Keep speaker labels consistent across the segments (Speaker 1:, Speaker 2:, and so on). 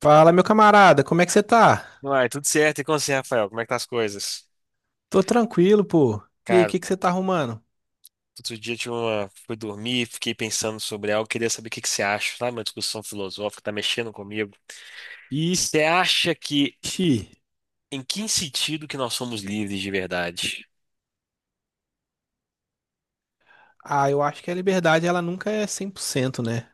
Speaker 1: Fala, meu camarada, como é que você tá?
Speaker 2: Uai, tudo certo. E com você, Rafael? Como é que tá as coisas?
Speaker 1: Tô tranquilo, pô. E aí, o
Speaker 2: Cara,
Speaker 1: que que você tá arrumando?
Speaker 2: outro dia eu tive uma... fui dormir, fiquei pensando sobre algo, queria saber o que que você acha, sabe? Uma discussão filosófica, tá mexendo comigo.
Speaker 1: Ixi.
Speaker 2: Você acha que, em que sentido que nós somos livres de verdade?
Speaker 1: Ah, eu acho que a liberdade ela nunca é 100%, né?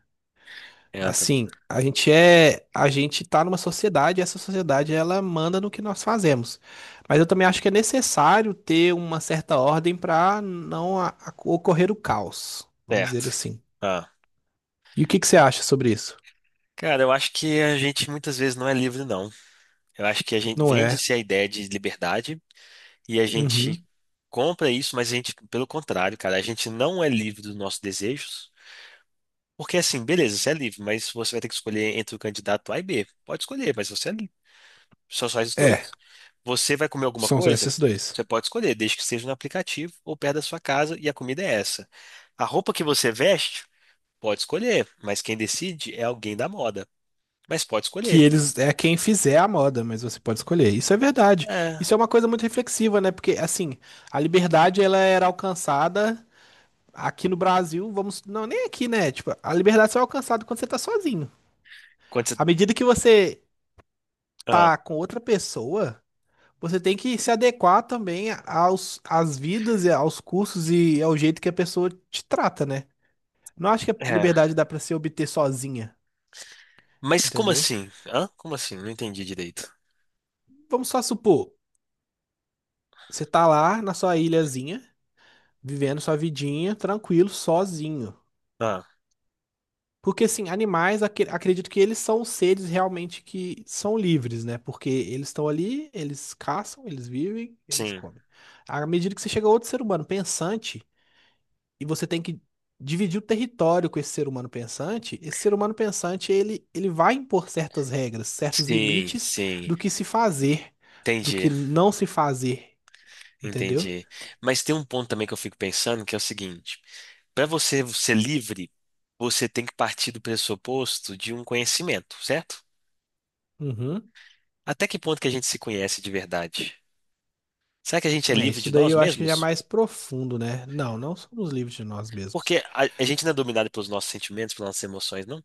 Speaker 2: É, também.
Speaker 1: Assim, a gente tá numa sociedade, e essa sociedade ela manda no que nós fazemos. Mas eu também acho que é necessário ter uma certa ordem pra não ocorrer o caos, vamos
Speaker 2: Certo.
Speaker 1: dizer assim.
Speaker 2: Ah.
Speaker 1: E o que que você acha sobre isso?
Speaker 2: Cara, eu acho que a gente muitas vezes não é livre, não. Eu acho que a gente
Speaker 1: Não é?
Speaker 2: vende-se a ideia de liberdade e a gente
Speaker 1: Uhum.
Speaker 2: compra isso, mas a gente, pelo contrário, cara, a gente não é livre dos nossos desejos. Porque assim, beleza, você é livre, mas você vai ter que escolher entre o candidato A e B. Pode escolher, mas você é livre. Só faz os
Speaker 1: É,
Speaker 2: dois. Você vai comer alguma
Speaker 1: são só
Speaker 2: coisa?
Speaker 1: esses dois.
Speaker 2: Você pode escolher, desde que seja no aplicativo ou perto da sua casa e a comida é essa. A roupa que você veste, pode escolher, mas quem decide é alguém da moda. Mas pode
Speaker 1: Que
Speaker 2: escolher.
Speaker 1: eles é quem fizer a moda, mas você pode escolher. Isso é verdade.
Speaker 2: É.
Speaker 1: Isso é uma coisa muito reflexiva, né? Porque assim, a liberdade ela era alcançada aqui no Brasil, vamos, não, nem aqui, né? Tipo, a liberdade só é alcançada quando você tá sozinho.
Speaker 2: Quando você...
Speaker 1: À medida que você
Speaker 2: Ah,
Speaker 1: tá com outra pessoa, você tem que se adequar também aos às vidas e aos cursos e ao jeito que a pessoa te trata, né? Não acho que a
Speaker 2: é.
Speaker 1: liberdade dá pra se obter sozinha,
Speaker 2: Mas como
Speaker 1: entendeu?
Speaker 2: assim? Hã? Como assim? Não entendi direito.
Speaker 1: Vamos só supor, você tá lá na sua ilhazinha, vivendo sua vidinha tranquilo, sozinho.
Speaker 2: Ah,
Speaker 1: Porque, assim, animais, acredito que eles são os seres realmente que são livres, né? Porque eles estão ali, eles caçam, eles vivem, eles
Speaker 2: sim.
Speaker 1: comem. À medida que você chega a outro ser humano pensante e você tem que dividir o território com esse ser humano pensante, esse ser humano pensante, ele vai impor certas regras, certos
Speaker 2: Sim,
Speaker 1: limites
Speaker 2: sim.
Speaker 1: do que se fazer, do
Speaker 2: Entendi,
Speaker 1: que não se fazer, entendeu?
Speaker 2: entendi. Mas tem um ponto também que eu fico pensando que é o seguinte. Para você ser livre, você tem que partir do pressuposto de um conhecimento, certo?
Speaker 1: Uhum.
Speaker 2: Até que ponto que a gente se conhece de verdade? Será que a gente é
Speaker 1: É,
Speaker 2: livre
Speaker 1: isso
Speaker 2: de
Speaker 1: daí
Speaker 2: nós
Speaker 1: eu acho que já é
Speaker 2: mesmos?
Speaker 1: mais profundo, né? Não, não somos livres de nós mesmos.
Speaker 2: Porque a gente não é dominado pelos nossos sentimentos, pelas nossas emoções, não?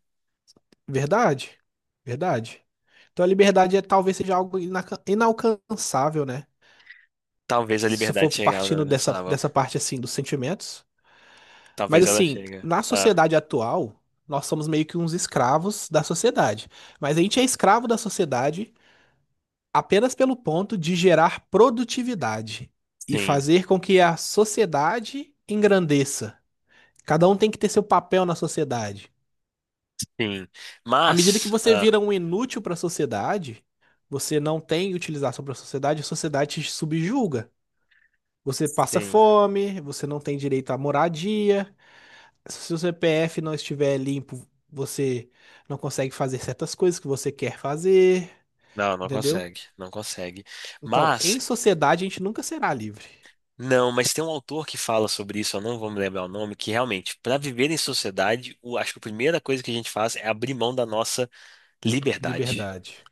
Speaker 1: Verdade? Verdade. Então a liberdade é, talvez seja algo inalcançável, né?
Speaker 2: Talvez a
Speaker 1: Se for
Speaker 2: liberdade chegue ah, não
Speaker 1: partindo dessa,
Speaker 2: nossa alma.
Speaker 1: dessa parte assim dos sentimentos. Mas
Speaker 2: Talvez ela
Speaker 1: assim,
Speaker 2: chegue.
Speaker 1: na
Speaker 2: Ah,
Speaker 1: sociedade atual, nós somos meio que uns escravos da sociedade. Mas a gente é escravo da sociedade apenas pelo ponto de gerar produtividade e
Speaker 2: sim,
Speaker 1: fazer com que a sociedade engrandeça. Cada um tem que ter seu papel na sociedade.
Speaker 2: sim.
Speaker 1: À medida que
Speaker 2: Mas,
Speaker 1: você
Speaker 2: ah,
Speaker 1: vira um inútil para a sociedade, você não tem utilização para a sociedade te subjuga. Você passa
Speaker 2: sim.
Speaker 1: fome, você não tem direito à moradia. Se o seu CPF não estiver limpo, você não consegue fazer certas coisas que você quer fazer,
Speaker 2: Não, não
Speaker 1: entendeu?
Speaker 2: consegue, não consegue.
Speaker 1: Então,
Speaker 2: Mas
Speaker 1: em sociedade, a gente nunca será livre.
Speaker 2: não, mas tem um autor que fala sobre isso, eu não vou me lembrar o nome, que realmente, para viver em sociedade, acho que a primeira coisa que a gente faz é abrir mão da nossa liberdade,
Speaker 1: Liberdade.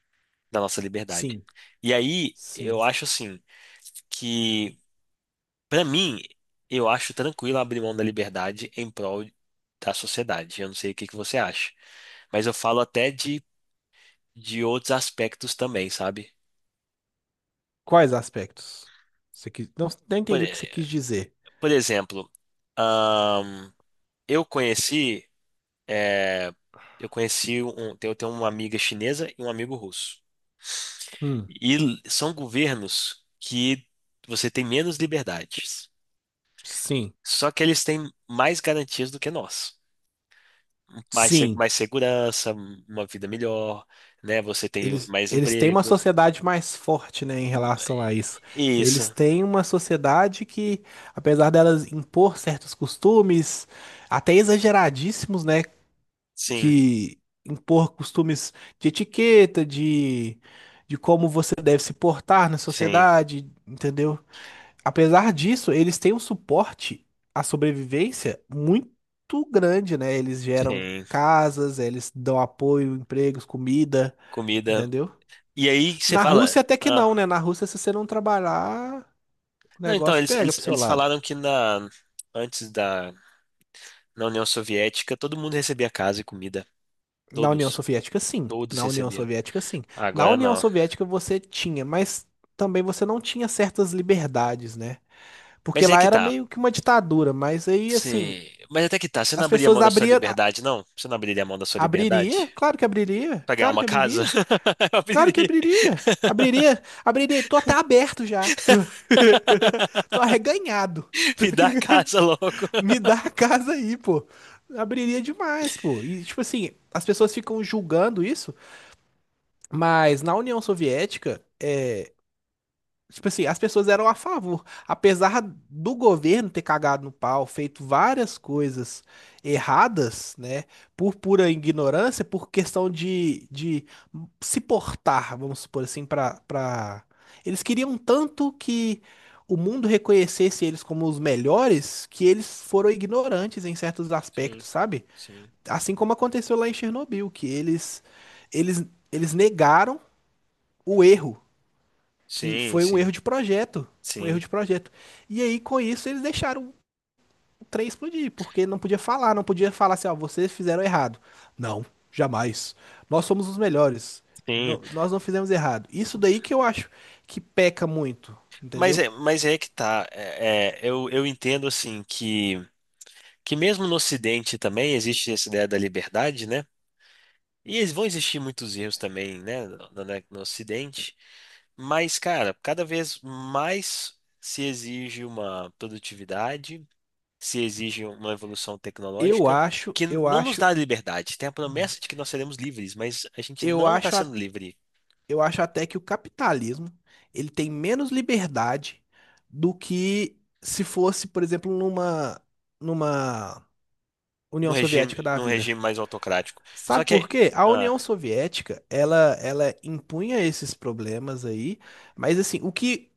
Speaker 2: da nossa liberdade.
Speaker 1: Sim,
Speaker 2: E aí,
Speaker 1: sim.
Speaker 2: eu acho assim, que para mim, eu acho tranquilo abrir mão da liberdade em prol da sociedade. Eu não sei o que que você acha, mas eu falo até de outros aspectos também, sabe?
Speaker 1: Quais aspectos? Você quis... Não, não
Speaker 2: Por,
Speaker 1: entendi o que você quis dizer.
Speaker 2: por exemplo, ahn, eu conheci é, eu conheci um, eu tenho uma amiga chinesa e um amigo russo.
Speaker 1: Hum,
Speaker 2: São governos que você tem menos liberdades.
Speaker 1: sim,
Speaker 2: Só que eles têm mais garantias do que nós. Mais,
Speaker 1: sim.
Speaker 2: mais segurança, uma vida melhor, né? Você tem
Speaker 1: Eles,
Speaker 2: mais
Speaker 1: eles têm uma
Speaker 2: emprego.
Speaker 1: sociedade mais forte, né, em
Speaker 2: Hum,
Speaker 1: relação a
Speaker 2: é-
Speaker 1: isso. Eles
Speaker 2: Isso.
Speaker 1: têm uma sociedade que, apesar delas impor certos costumes, até exageradíssimos, né,
Speaker 2: Sim,
Speaker 1: que impor costumes de etiqueta, de como você deve se portar na
Speaker 2: sim,
Speaker 1: sociedade, entendeu? Apesar disso, eles têm um suporte à sobrevivência muito grande, né? Eles geram
Speaker 2: sim.
Speaker 1: casas, eles dão apoio, empregos, comida,
Speaker 2: Comida.
Speaker 1: entendeu?
Speaker 2: E aí você
Speaker 1: Na Rússia
Speaker 2: fala.
Speaker 1: até que não,
Speaker 2: Ah,
Speaker 1: né? Na Rússia, se você não trabalhar, o
Speaker 2: não, então,
Speaker 1: negócio
Speaker 2: eles,
Speaker 1: pega
Speaker 2: eles,
Speaker 1: pro seu
Speaker 2: eles
Speaker 1: lado.
Speaker 2: falaram que na, antes da na União Soviética, todo mundo recebia casa e comida.
Speaker 1: Na União
Speaker 2: Todos.
Speaker 1: Soviética, sim.
Speaker 2: Todos
Speaker 1: Na União
Speaker 2: recebiam.
Speaker 1: Soviética, sim. Na
Speaker 2: Agora
Speaker 1: União
Speaker 2: não.
Speaker 1: Soviética você tinha, mas também você não tinha certas liberdades, né? Porque
Speaker 2: Mas é
Speaker 1: lá
Speaker 2: que
Speaker 1: era
Speaker 2: tá.
Speaker 1: meio que uma ditadura, mas aí, assim,
Speaker 2: Você... Mas até que tá. Você não
Speaker 1: as
Speaker 2: abriria
Speaker 1: pessoas
Speaker 2: mão da sua
Speaker 1: abriam.
Speaker 2: liberdade, não? Você não abriria mão da sua
Speaker 1: Abriria?
Speaker 2: liberdade?
Speaker 1: Claro que abriria.
Speaker 2: Pra ganhar
Speaker 1: Claro
Speaker 2: uma
Speaker 1: que
Speaker 2: casa?
Speaker 1: abriria.
Speaker 2: Eu
Speaker 1: Claro que
Speaker 2: abriria.
Speaker 1: abriria. Abriria. Abriria. Tô até aberto já. Tô arreganhado.
Speaker 2: Me dá a casa logo.
Speaker 1: Me dá a casa aí, pô. Abriria demais, pô. E, tipo assim, as pessoas ficam julgando isso, mas na União Soviética, é, tipo assim, as pessoas eram a favor. Apesar do governo ter cagado no pau, feito várias coisas erradas, né? Por pura ignorância, por questão de se portar, vamos supor assim, eles queriam tanto que o mundo reconhecesse eles como os melhores, que eles foram ignorantes em certos
Speaker 2: Sim,
Speaker 1: aspectos, sabe?
Speaker 2: sim,
Speaker 1: Assim como aconteceu lá em Chernobyl, que eles, eles negaram o erro, que
Speaker 2: sim,
Speaker 1: foi um
Speaker 2: sim,
Speaker 1: erro de projeto, um erro
Speaker 2: sim,
Speaker 1: de projeto. E aí com isso eles deixaram o trem explodir, porque não podia falar, não podia falar assim, ó, vocês fizeram errado. Não, jamais. Nós somos os melhores.
Speaker 2: sim.
Speaker 1: Nós não fizemos errado. Isso daí que eu acho que peca muito, entendeu?
Speaker 2: Mas é que tá. É, é, eu entendo assim que mesmo no Ocidente também existe essa ideia da liberdade, né? E eles vão existir muitos erros também, né, no Ocidente, mas, cara, cada vez mais se exige uma produtividade, se exige uma evolução
Speaker 1: Eu
Speaker 2: tecnológica,
Speaker 1: acho,
Speaker 2: que
Speaker 1: eu
Speaker 2: não nos
Speaker 1: acho,
Speaker 2: dá liberdade. Tem a promessa de que nós seremos livres, mas a gente
Speaker 1: eu
Speaker 2: não está
Speaker 1: acho,
Speaker 2: sendo
Speaker 1: a-
Speaker 2: livre
Speaker 1: eu acho até que o capitalismo ele tem menos liberdade do que se fosse, por exemplo, numa numa
Speaker 2: no
Speaker 1: União
Speaker 2: regime,
Speaker 1: Soviética da
Speaker 2: no
Speaker 1: vida.
Speaker 2: regime mais autocrático. Só
Speaker 1: Sabe por
Speaker 2: que,
Speaker 1: quê? A
Speaker 2: ah,
Speaker 1: União Soviética, ela impunha esses problemas aí, mas assim, o que,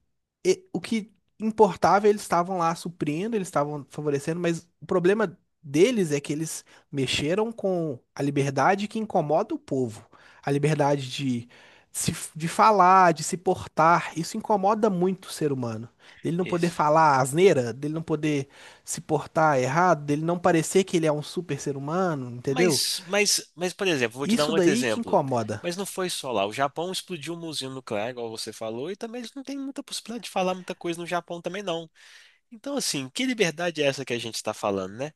Speaker 1: e- o que importava, eles estavam lá suprindo, eles estavam favorecendo, mas o problema deles é que eles mexeram com a liberdade que incomoda o povo, a liberdade de, se, de falar, de se portar, isso incomoda muito o ser humano. Dele não poder
Speaker 2: isso.
Speaker 1: falar asneira, dele não poder se portar errado, dele não parecer que ele é um super ser humano, entendeu?
Speaker 2: Mas, por exemplo, vou te dar um
Speaker 1: Isso
Speaker 2: outro
Speaker 1: daí que
Speaker 2: exemplo.
Speaker 1: incomoda.
Speaker 2: Mas não foi só lá. O Japão explodiu uma usina nuclear, igual você falou, e também eles não têm muita possibilidade de falar muita coisa no Japão também, não. Então, assim, que liberdade é essa que a gente está falando, né?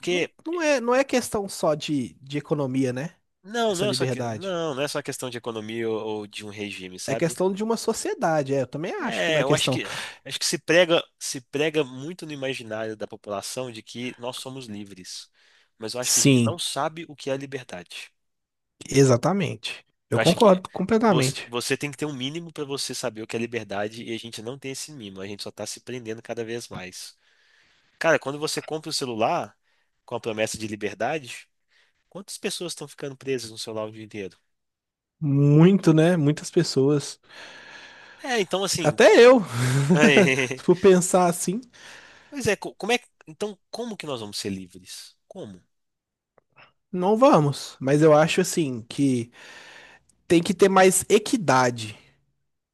Speaker 1: Não, não é questão só de economia, né?
Speaker 2: não,
Speaker 1: Essa
Speaker 2: não é só,
Speaker 1: liberdade.
Speaker 2: não, não é só questão de economia ou de um regime,
Speaker 1: É
Speaker 2: sabe?
Speaker 1: questão de uma sociedade. É, eu também acho que não
Speaker 2: É,
Speaker 1: é
Speaker 2: eu
Speaker 1: questão.
Speaker 2: acho que se prega, se prega muito no imaginário da população de que nós somos livres. Mas eu acho que a gente
Speaker 1: Sim,
Speaker 2: não sabe o que é liberdade.
Speaker 1: exatamente.
Speaker 2: Eu
Speaker 1: Eu
Speaker 2: acho que
Speaker 1: concordo
Speaker 2: você,
Speaker 1: completamente.
Speaker 2: você tem que ter um mínimo para você saber o que é liberdade e a gente não tem esse mínimo, a gente só tá se prendendo cada vez mais. Cara, quando você compra o celular com a promessa de liberdade, quantas pessoas estão ficando presas no celular o dia inteiro?
Speaker 1: Muito, né? Muitas pessoas.
Speaker 2: É, então assim,
Speaker 1: Até eu. Se for pensar assim,
Speaker 2: pois é, como é, então como que nós vamos ser livres? Como?
Speaker 1: não vamos. Mas eu acho assim que tem que ter mais equidade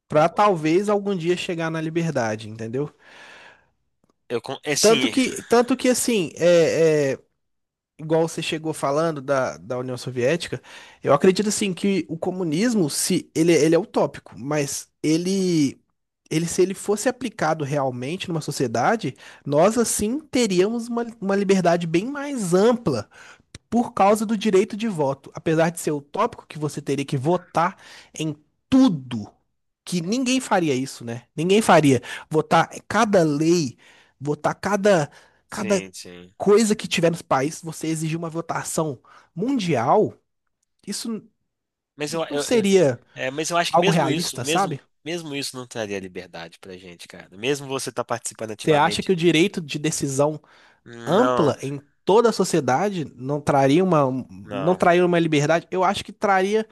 Speaker 1: para
Speaker 2: Concordo.
Speaker 1: talvez algum dia chegar na liberdade, entendeu?
Speaker 2: Eu, é
Speaker 1: Tanto
Speaker 2: sim,
Speaker 1: que, assim, é, igual você chegou falando da União Soviética, eu acredito assim que o comunismo, se ele, ele é utópico, mas ele se ele fosse aplicado realmente numa sociedade, nós assim teríamos uma liberdade bem mais ampla por causa do direito de voto. Apesar de ser utópico que você teria que votar em tudo que ninguém faria isso, né? Ninguém faria. Votar cada lei, votar cada
Speaker 2: sim, sim.
Speaker 1: coisa que tiver nos países, você exigir uma votação mundial, isso n-
Speaker 2: Mas
Speaker 1: não seria
Speaker 2: é, mas eu acho que
Speaker 1: algo
Speaker 2: mesmo isso,
Speaker 1: realista,
Speaker 2: mesmo,
Speaker 1: sabe?
Speaker 2: mesmo isso não traria liberdade pra gente, cara. Mesmo você estar participando
Speaker 1: Você acha
Speaker 2: ativamente
Speaker 1: que o direito de decisão
Speaker 2: não,
Speaker 1: ampla em toda a sociedade não traria não
Speaker 2: não,
Speaker 1: traria uma liberdade? Eu acho que traria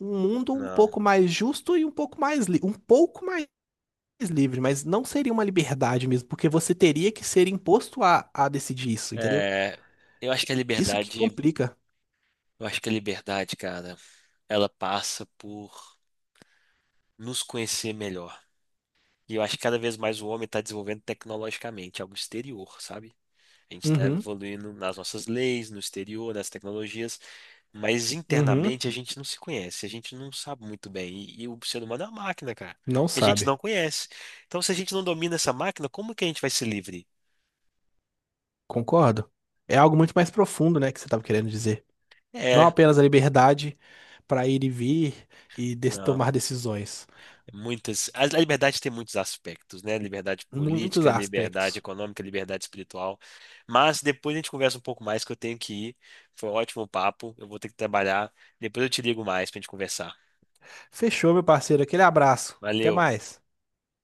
Speaker 1: um mundo um
Speaker 2: não.
Speaker 1: pouco mais justo e um pouco mais livre, mas não seria uma liberdade mesmo, porque você teria que ser imposto a decidir isso, entendeu?
Speaker 2: É, eu acho que a
Speaker 1: Isso que
Speaker 2: liberdade,
Speaker 1: complica.
Speaker 2: eu acho que a liberdade, cara, ela passa por nos conhecer melhor. E eu acho que cada vez mais o homem está desenvolvendo tecnologicamente algo exterior, sabe? A gente está
Speaker 1: Uhum,
Speaker 2: evoluindo nas nossas leis, no exterior, nas tecnologias, mas
Speaker 1: uhum,
Speaker 2: internamente a gente não se conhece, a gente não sabe muito bem. E o ser humano é uma máquina, cara,
Speaker 1: não
Speaker 2: que a gente
Speaker 1: sabe.
Speaker 2: não conhece. Então, se a gente não domina essa máquina, como que a gente vai ser livre?
Speaker 1: Concordo. É algo muito mais profundo, né, que você estava querendo dizer. Não
Speaker 2: É,
Speaker 1: apenas a liberdade para ir e vir e
Speaker 2: não.
Speaker 1: tomar decisões.
Speaker 2: Muitas, a liberdade tem muitos aspectos, né? Liberdade
Speaker 1: Muitos
Speaker 2: política, liberdade
Speaker 1: aspectos.
Speaker 2: econômica, liberdade espiritual. Mas depois a gente conversa um pouco mais, que eu tenho que ir. Foi um ótimo papo, eu vou ter que trabalhar. Depois eu te ligo mais pra gente conversar.
Speaker 1: Fechou, meu parceiro. Aquele abraço. Até
Speaker 2: Valeu.
Speaker 1: mais.